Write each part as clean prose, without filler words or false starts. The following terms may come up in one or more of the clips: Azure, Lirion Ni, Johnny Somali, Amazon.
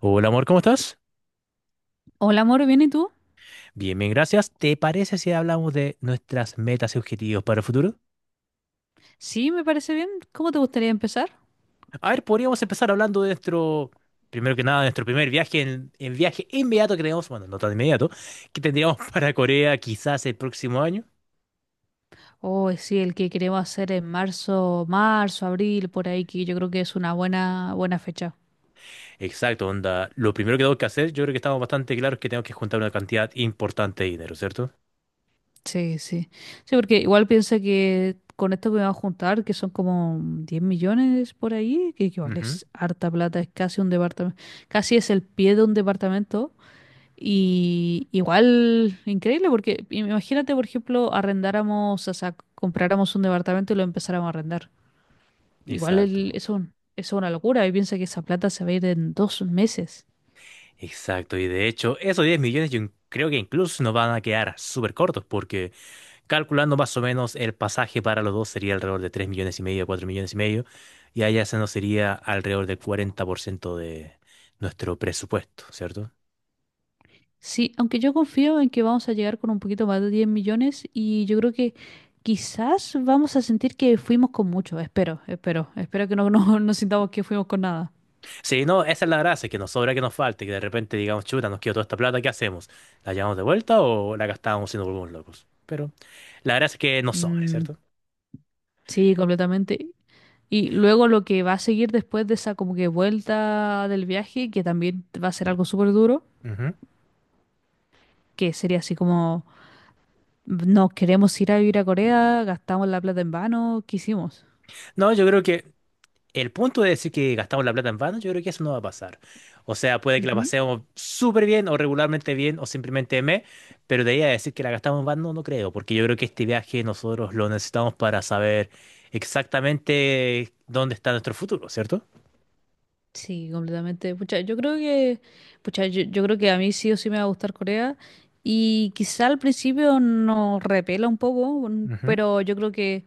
Hola, amor, ¿cómo estás? Hola, amor, ¿bien y tú? Bien, bien, gracias. ¿Te parece si hablamos de nuestras metas y objetivos para el futuro? Sí, me parece bien. ¿Cómo te gustaría empezar? A ver, podríamos empezar hablando de nuestro, primero que nada, de nuestro primer viaje, en viaje inmediato que tenemos, bueno, no tan inmediato, que tendríamos para Corea quizás el próximo año. Oh, sí, el que queremos hacer en marzo, marzo, abril, por ahí, que yo creo que es una buena, buena fecha. Exacto, onda. Lo primero que tengo que hacer, yo creo que estamos bastante claros que tengo que juntar una cantidad importante de dinero, ¿cierto? Sí, sí. Sí, porque igual piensa que con esto que vamos a juntar, que son como 10 millones por ahí, que igual Ujú. es harta plata, es casi un departamento, casi es el pie de un departamento. Y igual, increíble, porque imagínate, por ejemplo, arrendáramos, o sea, compráramos un departamento y lo empezáramos a arrendar. Exacto, Eso, eso es una locura y piensa que esa plata se va a ir en 2 meses. exacto. Y de hecho, esos 10 millones yo creo que incluso nos van a quedar súper cortos porque, calculando más o menos el pasaje para los dos sería alrededor de 3,5 millones, 4,5 millones, y allá se nos sería alrededor del 40% de nuestro presupuesto, ¿cierto? Sí, aunque yo confío en que vamos a llegar con un poquito más de 10 millones y yo creo que quizás vamos a sentir que fuimos con mucho. Espero, espero, espero que no, no, no sintamos que fuimos con nada. Sí, no, esa es la gracia, que nos sobra que nos falte, que de repente digamos, chuta, nos quedó toda esta plata, ¿qué hacemos? ¿La llevamos de vuelta o la gastábamos siendo nos volvemos locos? Pero la gracia es que nos sobre, Mm, ¿cierto? sí, completamente. Y luego lo que va a seguir después de esa como que vuelta del viaje, que también va a ser algo súper duro, Ujú. que sería así como, nos queremos ir a vivir a Corea, gastamos la plata en vano, ¿qué hicimos? No, yo creo que el punto de decir que gastamos la plata en vano, yo creo que eso no va a pasar. O sea, puede que la Ujú. pasemos súper bien o regularmente bien o simplemente pero de ahí a decir que la gastamos en vano no creo, porque yo creo que este viaje nosotros lo necesitamos para saber exactamente dónde está nuestro futuro, ¿cierto? Sí, completamente. Pucha, yo creo que, pucha, yo creo que a mí sí o sí me va a gustar Corea. Y quizá al principio nos repela un poco, Ujú. pero yo creo que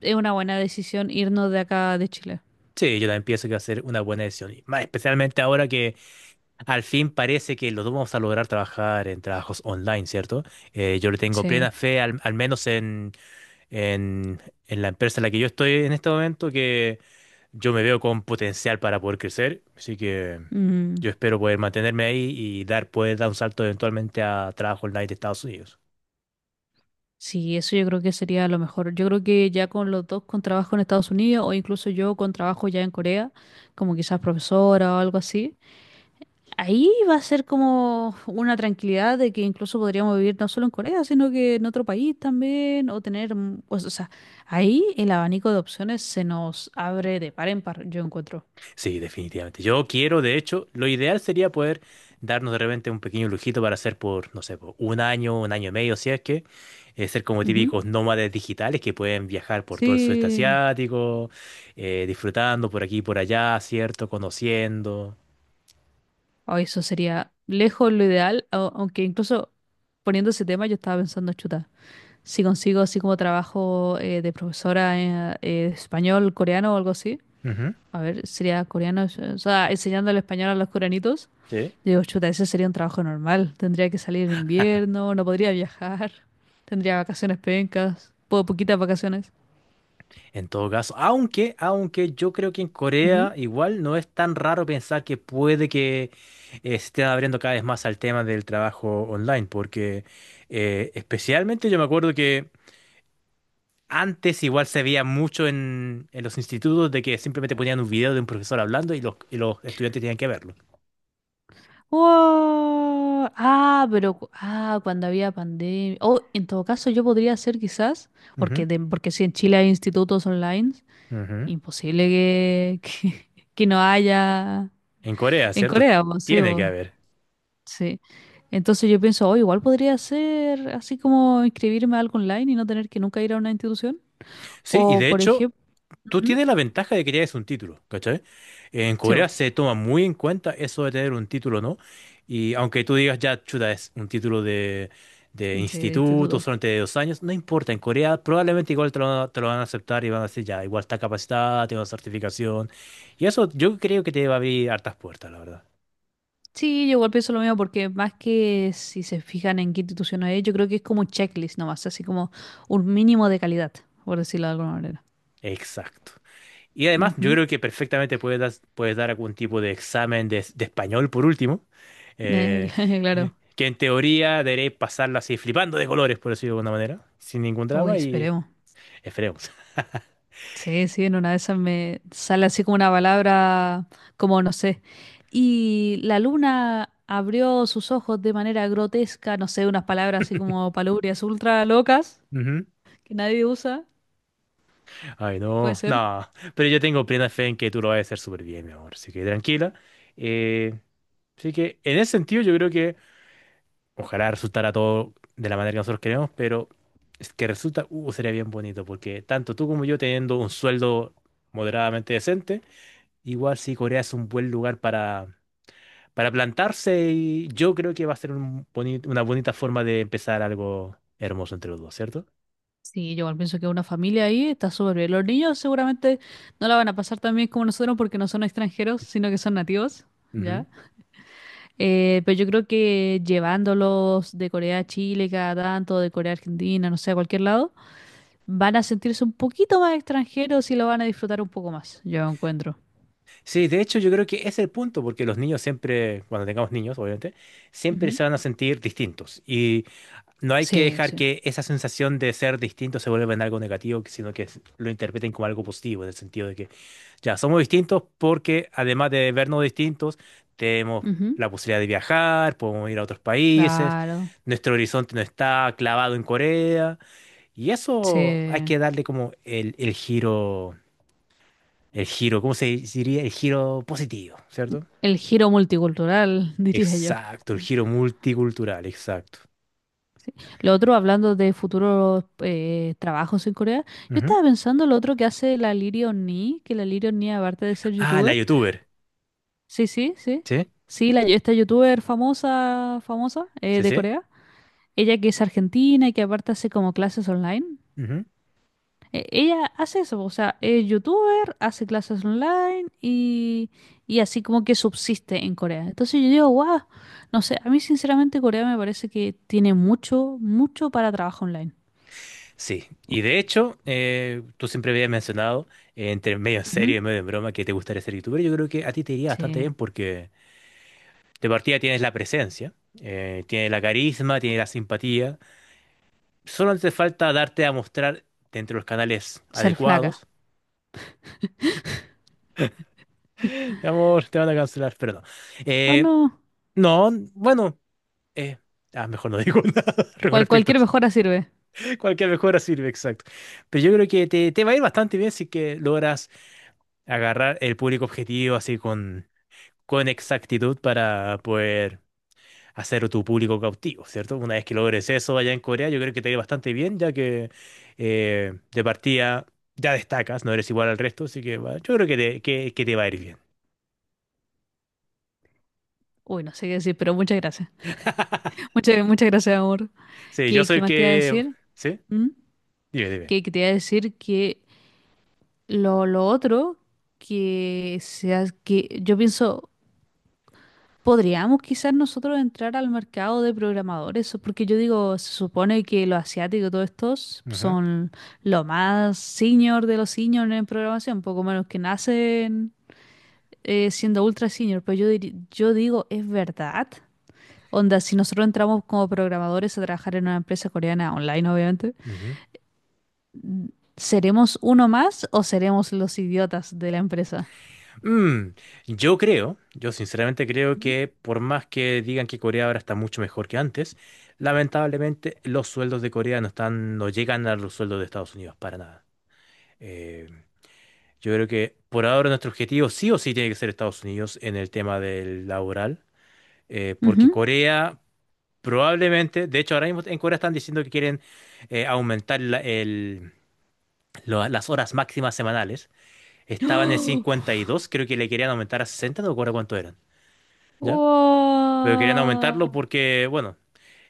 es una buena decisión irnos de acá de Chile. Sí, yo también pienso que va a ser una buena decisión, y más especialmente ahora que al fin parece que los dos vamos a lograr trabajar en trabajos online, ¿cierto? Yo le tengo Sí. plena fe, al menos en, en, en la empresa en la que yo estoy en este momento que yo me veo con potencial para poder crecer, así que Mm, yo espero poder mantenerme ahí y poder dar un salto eventualmente a trabajo online de Estados Unidos. sí, eso yo creo que sería lo mejor. Yo creo que ya con los dos con trabajo en Estados Unidos o incluso yo con trabajo ya en Corea, como quizás profesora o algo así. Ahí va a ser como una tranquilidad de que incluso podríamos vivir no solo en Corea, sino que en otro país también, o tener, mm, pues, o sea, ahí el abanico de opciones se nos abre de par en par, yo encuentro. Sí, definitivamente. Yo quiero, de hecho, lo ideal sería poder darnos de repente un pequeño lujito para hacer por, no sé, por un año y medio, si es que, ser como Ujú. típicos nómades digitales que pueden viajar por todo el sudeste Sí, asiático, disfrutando por aquí y por allá, ¿cierto? Conociendo. o eso sería lejos lo ideal, aunque incluso poniendo ese tema yo estaba pensando, chuta, si consigo así como trabajo de profesora de español, coreano o algo así, Ujú. a ver, sería coreano, o sea, enseñando el español a los coreanitos. Sí. Digo, chuta, ese sería un trabajo normal. Tendría que salir en invierno, no podría viajar, tendría vacaciones pencas, poquitas vacaciones. En todo caso, aunque yo creo que en Ujú. Corea igual no es tan raro pensar que puede que se esté abriendo cada vez más al tema del trabajo online, porque especialmente yo me acuerdo que antes igual se veía mucho en los institutos de que simplemente ponían un video de un profesor hablando y los estudiantes tenían que verlo. ¡Wow! Ah, pero cuando había pandemia. Oh, en todo caso, yo podría hacer quizás, Ujú, porque, porque si en Chile hay institutos online, ujú. imposible que, que no haya En Corea, en ¿cierto? Corea, po, sí, Tiene que po, haber. sí. Entonces yo pienso, oh, igual podría ser así como inscribirme a algo online y no tener que nunca ir a una institución. Sí, y O, de por hecho, ejemplo, tú tienes la ventaja de que tienes un título, ¿cachai? En sí, bo, Corea se toma muy en cuenta eso de tener un título, ¿no? Y aunque tú digas, ya, chuta, es un título de sí, de instituto, instituto. solamente de 2 años, no importa, en Corea probablemente igual te lo van a aceptar y van a decir, ya, igual está capacitada, tiene una certificación. Y eso yo creo que te va a abrir hartas puertas, la verdad. Sí, yo igual pienso lo mismo porque más que si se fijan en qué institución es, yo creo que es como un checklist nomás, así como un mínimo de calidad, por decirlo de alguna manera. Exacto. Y además, yo Ujú. creo que perfectamente puedes dar algún tipo de examen de español, por último, eh, claro. que en teoría deberéis pasarla así flipando de colores, por decirlo de alguna manera, sin ningún Uy, drama y esperemos. esperemos. Sí, sí, en una de esas me sale así como una palabra, como no sé. Y la luna abrió sus ojos de manera grotesca, no sé, unas palabras así como palubrias ultra locas Ujú. que nadie usa, Ay, puede no, ser. no, pero yo tengo plena fe en que tú lo vas a hacer súper bien, mi amor, así que tranquila. Eh, Así que en ese sentido yo creo que ojalá resultara todo de la manera que nosotros queremos, pero es que resulta, sería bien bonito, porque tanto tú como yo teniendo un sueldo moderadamente decente, igual sí, Corea es un buen lugar para plantarse y yo creo que va a ser un una bonita forma de empezar algo hermoso entre los dos, ¿cierto? Sí, yo igual pienso que una familia ahí está súper bien. Los niños seguramente no la van a pasar tan bien como nosotros porque no son extranjeros, sino que son nativos, Ujú. ¿ya? Pero yo creo que llevándolos de Corea a Chile cada tanto, de Corea a Argentina, no sé, a cualquier lado, van a sentirse un poquito más extranjeros y lo van a disfrutar un poco más, yo encuentro. Sí, de hecho yo creo que ese es el punto, porque los niños siempre, cuando tengamos niños, obviamente, siempre Ujú. se van a sentir distintos y no hay que Sí, dejar sí. que esa sensación de ser distinto se vuelva en algo negativo, sino que lo interpreten como algo positivo, en el sentido de que ya, somos distintos porque además de vernos distintos, tenemos Ujú. la posibilidad de viajar, podemos ir a otros países, Claro. nuestro horizonte no está clavado en Corea, y eso hay Sí. que darle como el giro, el giro, ¿cómo se diría? El giro positivo, ¿cierto? El giro multicultural, diría yo. Exacto, el giro multicultural, exacto. Lo otro, hablando de futuros trabajos en Corea, yo Ujú. estaba pensando lo otro que hace la Lirion Ni, que la Lirion Ni, aparte de ser Ah, la youtuber, youtuber, sí, sí, sí, ¿sí? sí, la, esta youtuber famosa, famosa ¿Sí, de sí? Corea, ella que es argentina y que aparte hace como clases online, ella hace eso, o sea, es youtuber, hace clases online y así como que subsiste en Corea. Entonces yo digo, wow, no sé, a mí sinceramente Corea me parece que tiene mucho, mucho para trabajo online. Sí, y de hecho, tú siempre habías mencionado, entre medio en serio Ujú. y medio en broma, que te gustaría ser youtuber. Yo creo que a ti te iría bastante Sí, bien porque de partida tienes la presencia, tienes la carisma, tienes la simpatía. Solo te falta darte a mostrar dentro de los canales ser flaca. adecuados. Mi amor, te van a cancelar, pero no. No, Eh, no. no, bueno, eh, mejor no digo nada con respecto a Cualquier eso. mejora sirve. Cualquier mejora sirve, exacto. Pero yo creo que te va a ir bastante bien si que logras agarrar el público objetivo así con exactitud para poder hacer tu público cautivo, ¿cierto? Una vez que logres eso allá en Corea, yo creo que te irá bastante bien, ya que de partida ya destacas, no eres igual al resto, así que yo creo que que te va a ir bien. Uy, no sé qué decir, pero muchas gracias. Muchas, muchas gracias, amor. Sí, yo ¿Qué, soy qué el más te iba a que. decir? ¿Sí? ¿Mm? Dime, dime. Que te iba a decir que lo otro que sea que yo pienso, podríamos quizás nosotros entrar al mercado de programadores, porque yo digo, se supone que los asiáticos, todos estos, Ujú, son lo más senior de los senior en programación, poco menos que nacen. Siendo ultra senior, pero yo digo, ¿es verdad? Onda, si nosotros entramos como programadores a trabajar en una empresa coreana online, obviamente, ujú. ¿seremos uno más o seremos los idiotas de la empresa? Mm, yo creo, yo sinceramente creo que por más que digan que Corea ahora está mucho mejor que antes, lamentablemente los sueldos de Corea no están, no llegan a los sueldos de Estados Unidos para nada. Eh, Yo creo que por ahora nuestro objetivo sí o sí tiene que ser Estados Unidos en el tema del laboral, porque Ujú. Corea probablemente, de hecho ahora mismo en Corea están diciendo que quieren aumentar las horas máximas semanales. Estaban en ¡Oh! 52, creo que le querían aumentar a 60, no recuerdo cuánto eran, ¿ya? Pero querían aumentarlo ¡Wow! porque, bueno,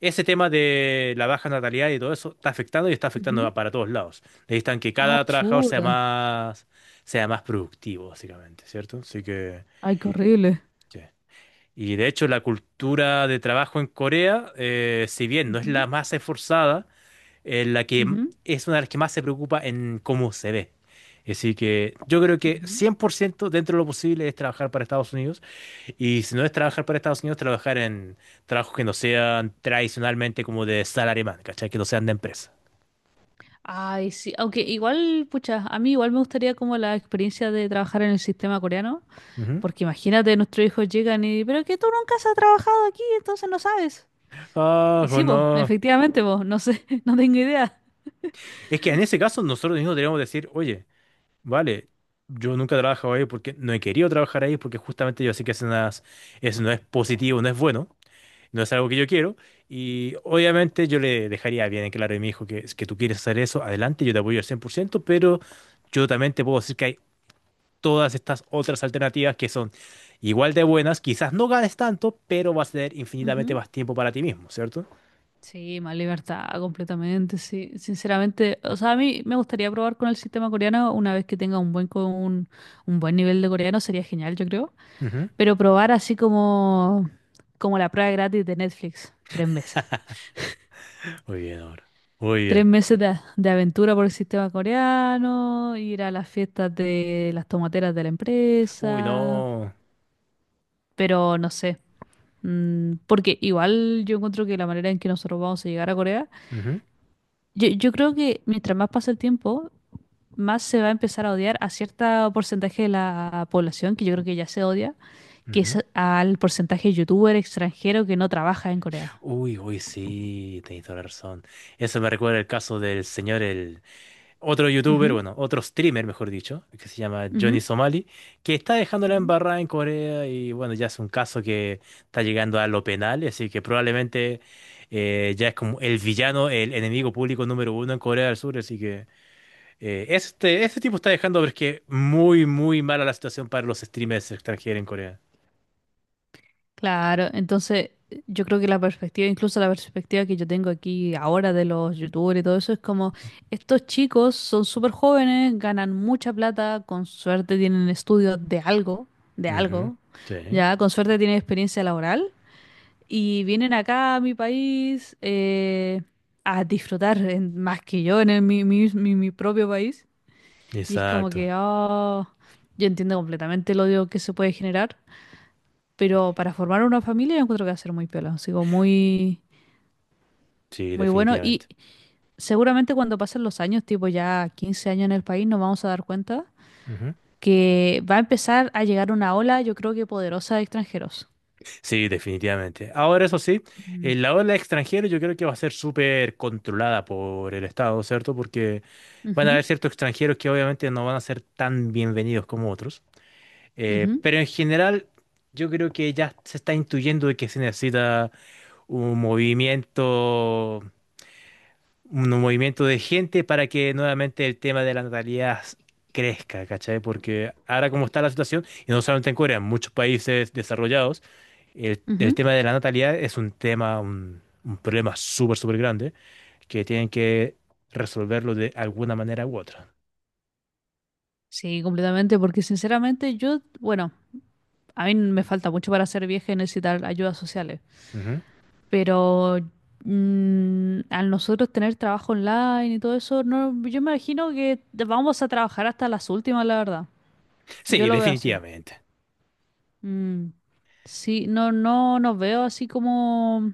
ese tema de la baja natalidad y todo eso está afectando y está afectando Ujú. Para todos lados. Necesitan que ¡Ah, cada trabajador chuta! Sea más productivo, básicamente, ¿cierto? Así que. ¡Ay, qué horrible! Sí. Y de hecho la cultura de trabajo en Corea, si bien no es la más esforzada, es la que Ujú, m- ujú, es una de las que más se preocupa en cómo se ve. Así que yo creo que ujú. 100% dentro de lo posible es trabajar para Estados Unidos. Y si no es trabajar para Estados Unidos, trabajar en trabajos que no sean tradicionalmente como de salaryman, ¿cachai? Que no sean de empresa. Ay, sí, aunque igual, pucha, a mí igual me gustaría como la experiencia de trabajar en el sistema coreano. Ujú. Porque imagínate, nuestros hijos llegan y, pero que tú nunca has trabajado aquí, entonces no sabes. Ah, Y sí, vos, bueno. efectivamente, vos, no sé, no tengo idea. Es que en ese caso nosotros mismos deberíamos decir, oye, vale, yo nunca he trabajado ahí porque no he querido trabajar ahí porque justamente yo sé que eso no es, positivo, no es bueno, no es algo que yo quiero y obviamente yo le dejaría bien en claro a mi hijo que, es que tú quieres hacer eso, adelante, yo te apoyo al 100% pero yo también te puedo decir que hay todas estas otras alternativas que son igual de buenas, quizás no ganes tanto, pero vas a tener infinitamente Ujú. más tiempo para ti mismo, ¿cierto? Sí, más libertad, completamente, sí. Sinceramente, o sea, a mí me gustaría probar con el sistema coreano una vez que tenga un buen, un buen nivel de coreano, sería genial, yo creo. Ujú. Pero probar así como, como la prueba gratis de Netflix, 3 meses. Muy bien ahora, muy Tres bien. meses de aventura por el sistema coreano, ir a las fiestas de las tomateras de la Uy, empresa. no. Pero no sé. Mm, porque igual yo encuentro que la manera en que nosotros vamos a llegar a Corea, Ujú, yo creo que mientras más pasa el tiempo, más se va a empezar a odiar a cierto porcentaje de la población, que yo creo que ya se odia, que es ujú. al porcentaje de youtuber extranjero que no trabaja en Corea. Uy, uy, sí, tenéis toda la razón. Eso me recuerda el caso del señor, el otro youtuber, Ujú, bueno, otro streamer, mejor dicho, que se llama Johnny ujú. Somali, que está dejando la Ujú. embarrada en Corea y bueno, ya es un caso que está llegando a lo penal, así que probablemente ya es como el villano, el enemigo público número uno en Corea del Sur, así que este tipo está dejando, pero es que muy, muy mala la situación para los streamers extranjeros en Corea. Claro, entonces yo creo que la perspectiva, incluso la perspectiva que yo tengo aquí ahora de los youtubers y todo eso, es como estos chicos son súper jóvenes, ganan mucha plata, con suerte tienen estudios de Ujú, algo, sí, ya, con suerte tienen experiencia laboral y vienen acá a mi país a disfrutar más que yo en mi propio país. Y es como exacto, que, oh, yo entiendo completamente el odio que se puede generar. Pero para formar una familia yo encuentro que va a ser muy piola, sigo muy, sí, muy bueno. Y definitivamente. seguramente cuando pasen los años, tipo ya 15 años en el país, nos vamos a dar cuenta Ujú. que va a empezar a llegar una ola, yo creo que poderosa de extranjeros. Sí, definitivamente. Ahora, eso sí, Mm. la ola extranjera yo creo que va a ser súper controlada por el Estado, ¿cierto? Porque van a Ujú, haber ciertos extranjeros que obviamente no van a ser tan bienvenidos como otros. Ujú, Pero en general, yo creo que ya se está intuyendo de que se necesita un movimiento un movimiento de gente para que nuevamente el tema de la natalidad crezca, ¿cachai? Porque ahora como está la situación, y no solamente en Corea, en muchos países desarrollados, el ujú. tema de la natalidad es un tema, un problema súper, súper grande que tienen que resolverlo de alguna manera u otra. Sí, completamente, porque sinceramente yo, bueno, a mí me falta mucho para ser vieja y necesitar ayudas sociales. Ujú. Pero mm, al nosotros tener trabajo online y todo eso, no, yo me imagino que vamos a trabajar hasta las últimas, la verdad. Yo Sí, lo veo así. definitivamente. Mm, sí, no, no nos veo así como,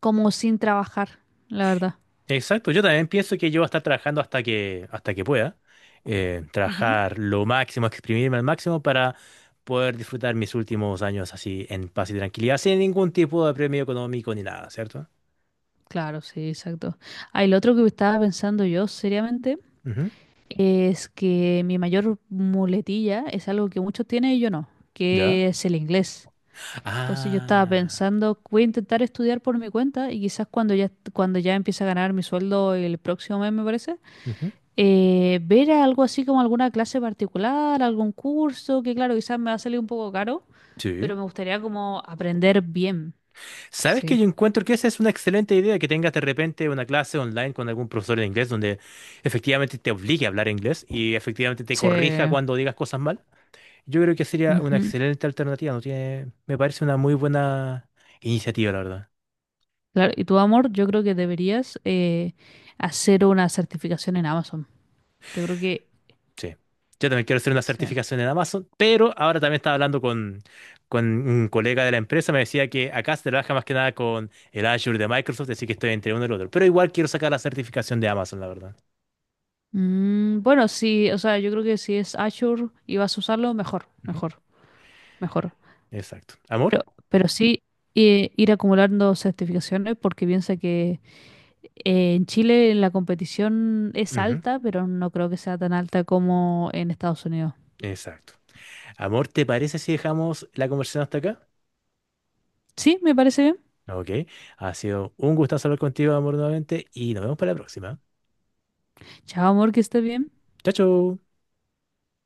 como sin trabajar, la verdad. Exacto, yo también pienso que yo voy a estar trabajando hasta que pueda, Ujú. trabajar lo máximo, exprimirme al máximo para poder disfrutar mis últimos años así en paz y tranquilidad, sin ningún tipo de premio económico ni nada, ¿cierto? Claro, sí, exacto. Ah, y lo otro que estaba pensando yo seriamente Ujú. es que mi mayor muletilla es algo que muchos tienen y yo no, ¿Ya? que es el inglés. Entonces yo estaba Ah, pensando, voy a intentar estudiar por mi cuenta y quizás cuando ya empiece a ganar mi sueldo el próximo mes, me parece, ujú, ver algo así como alguna clase particular, algún curso, que claro, quizás me va a salir un poco caro, pero sí. me gustaría como aprender bien. ¿Sabes que Sí. yo encuentro que esa es una excelente idea, que tengas de repente una clase online con algún profesor de inglés donde efectivamente te obligue a hablar inglés y efectivamente te Sí. corrija cuando digas cosas mal? Yo creo que sería una Ujú. excelente alternativa, no tiene, me parece una muy buena iniciativa, la verdad. Claro, y tu amor, yo creo que deberías hacer una certificación en Amazon. Yo creo que... Sí. Yo también quiero hacer una Sí. certificación en Amazon, pero ahora también estaba hablando con un colega de la empresa, me decía que acá se trabaja más que nada con el Azure de Microsoft, así que estoy entre uno y el otro. Pero igual quiero sacar la certificación de Amazon, la verdad. Mm, bueno, sí, o sea, yo creo que si es Azure y vas a usarlo, mejor, Ujú. mejor, mejor. Exacto. ¿Amor? Pero, pero sí ir acumulando certificaciones porque piensa que en Chile la competición es Ujú. alta, pero no creo que sea tan alta como en Estados Unidos. Exacto. Amor, ¿te parece si dejamos la conversación hasta acá? Sí, me parece bien. Ok. Ha sido un gusto hablar contigo, amor, nuevamente, y nos vemos para la próxima. Chao, amor, que estés bien. Chao, chao.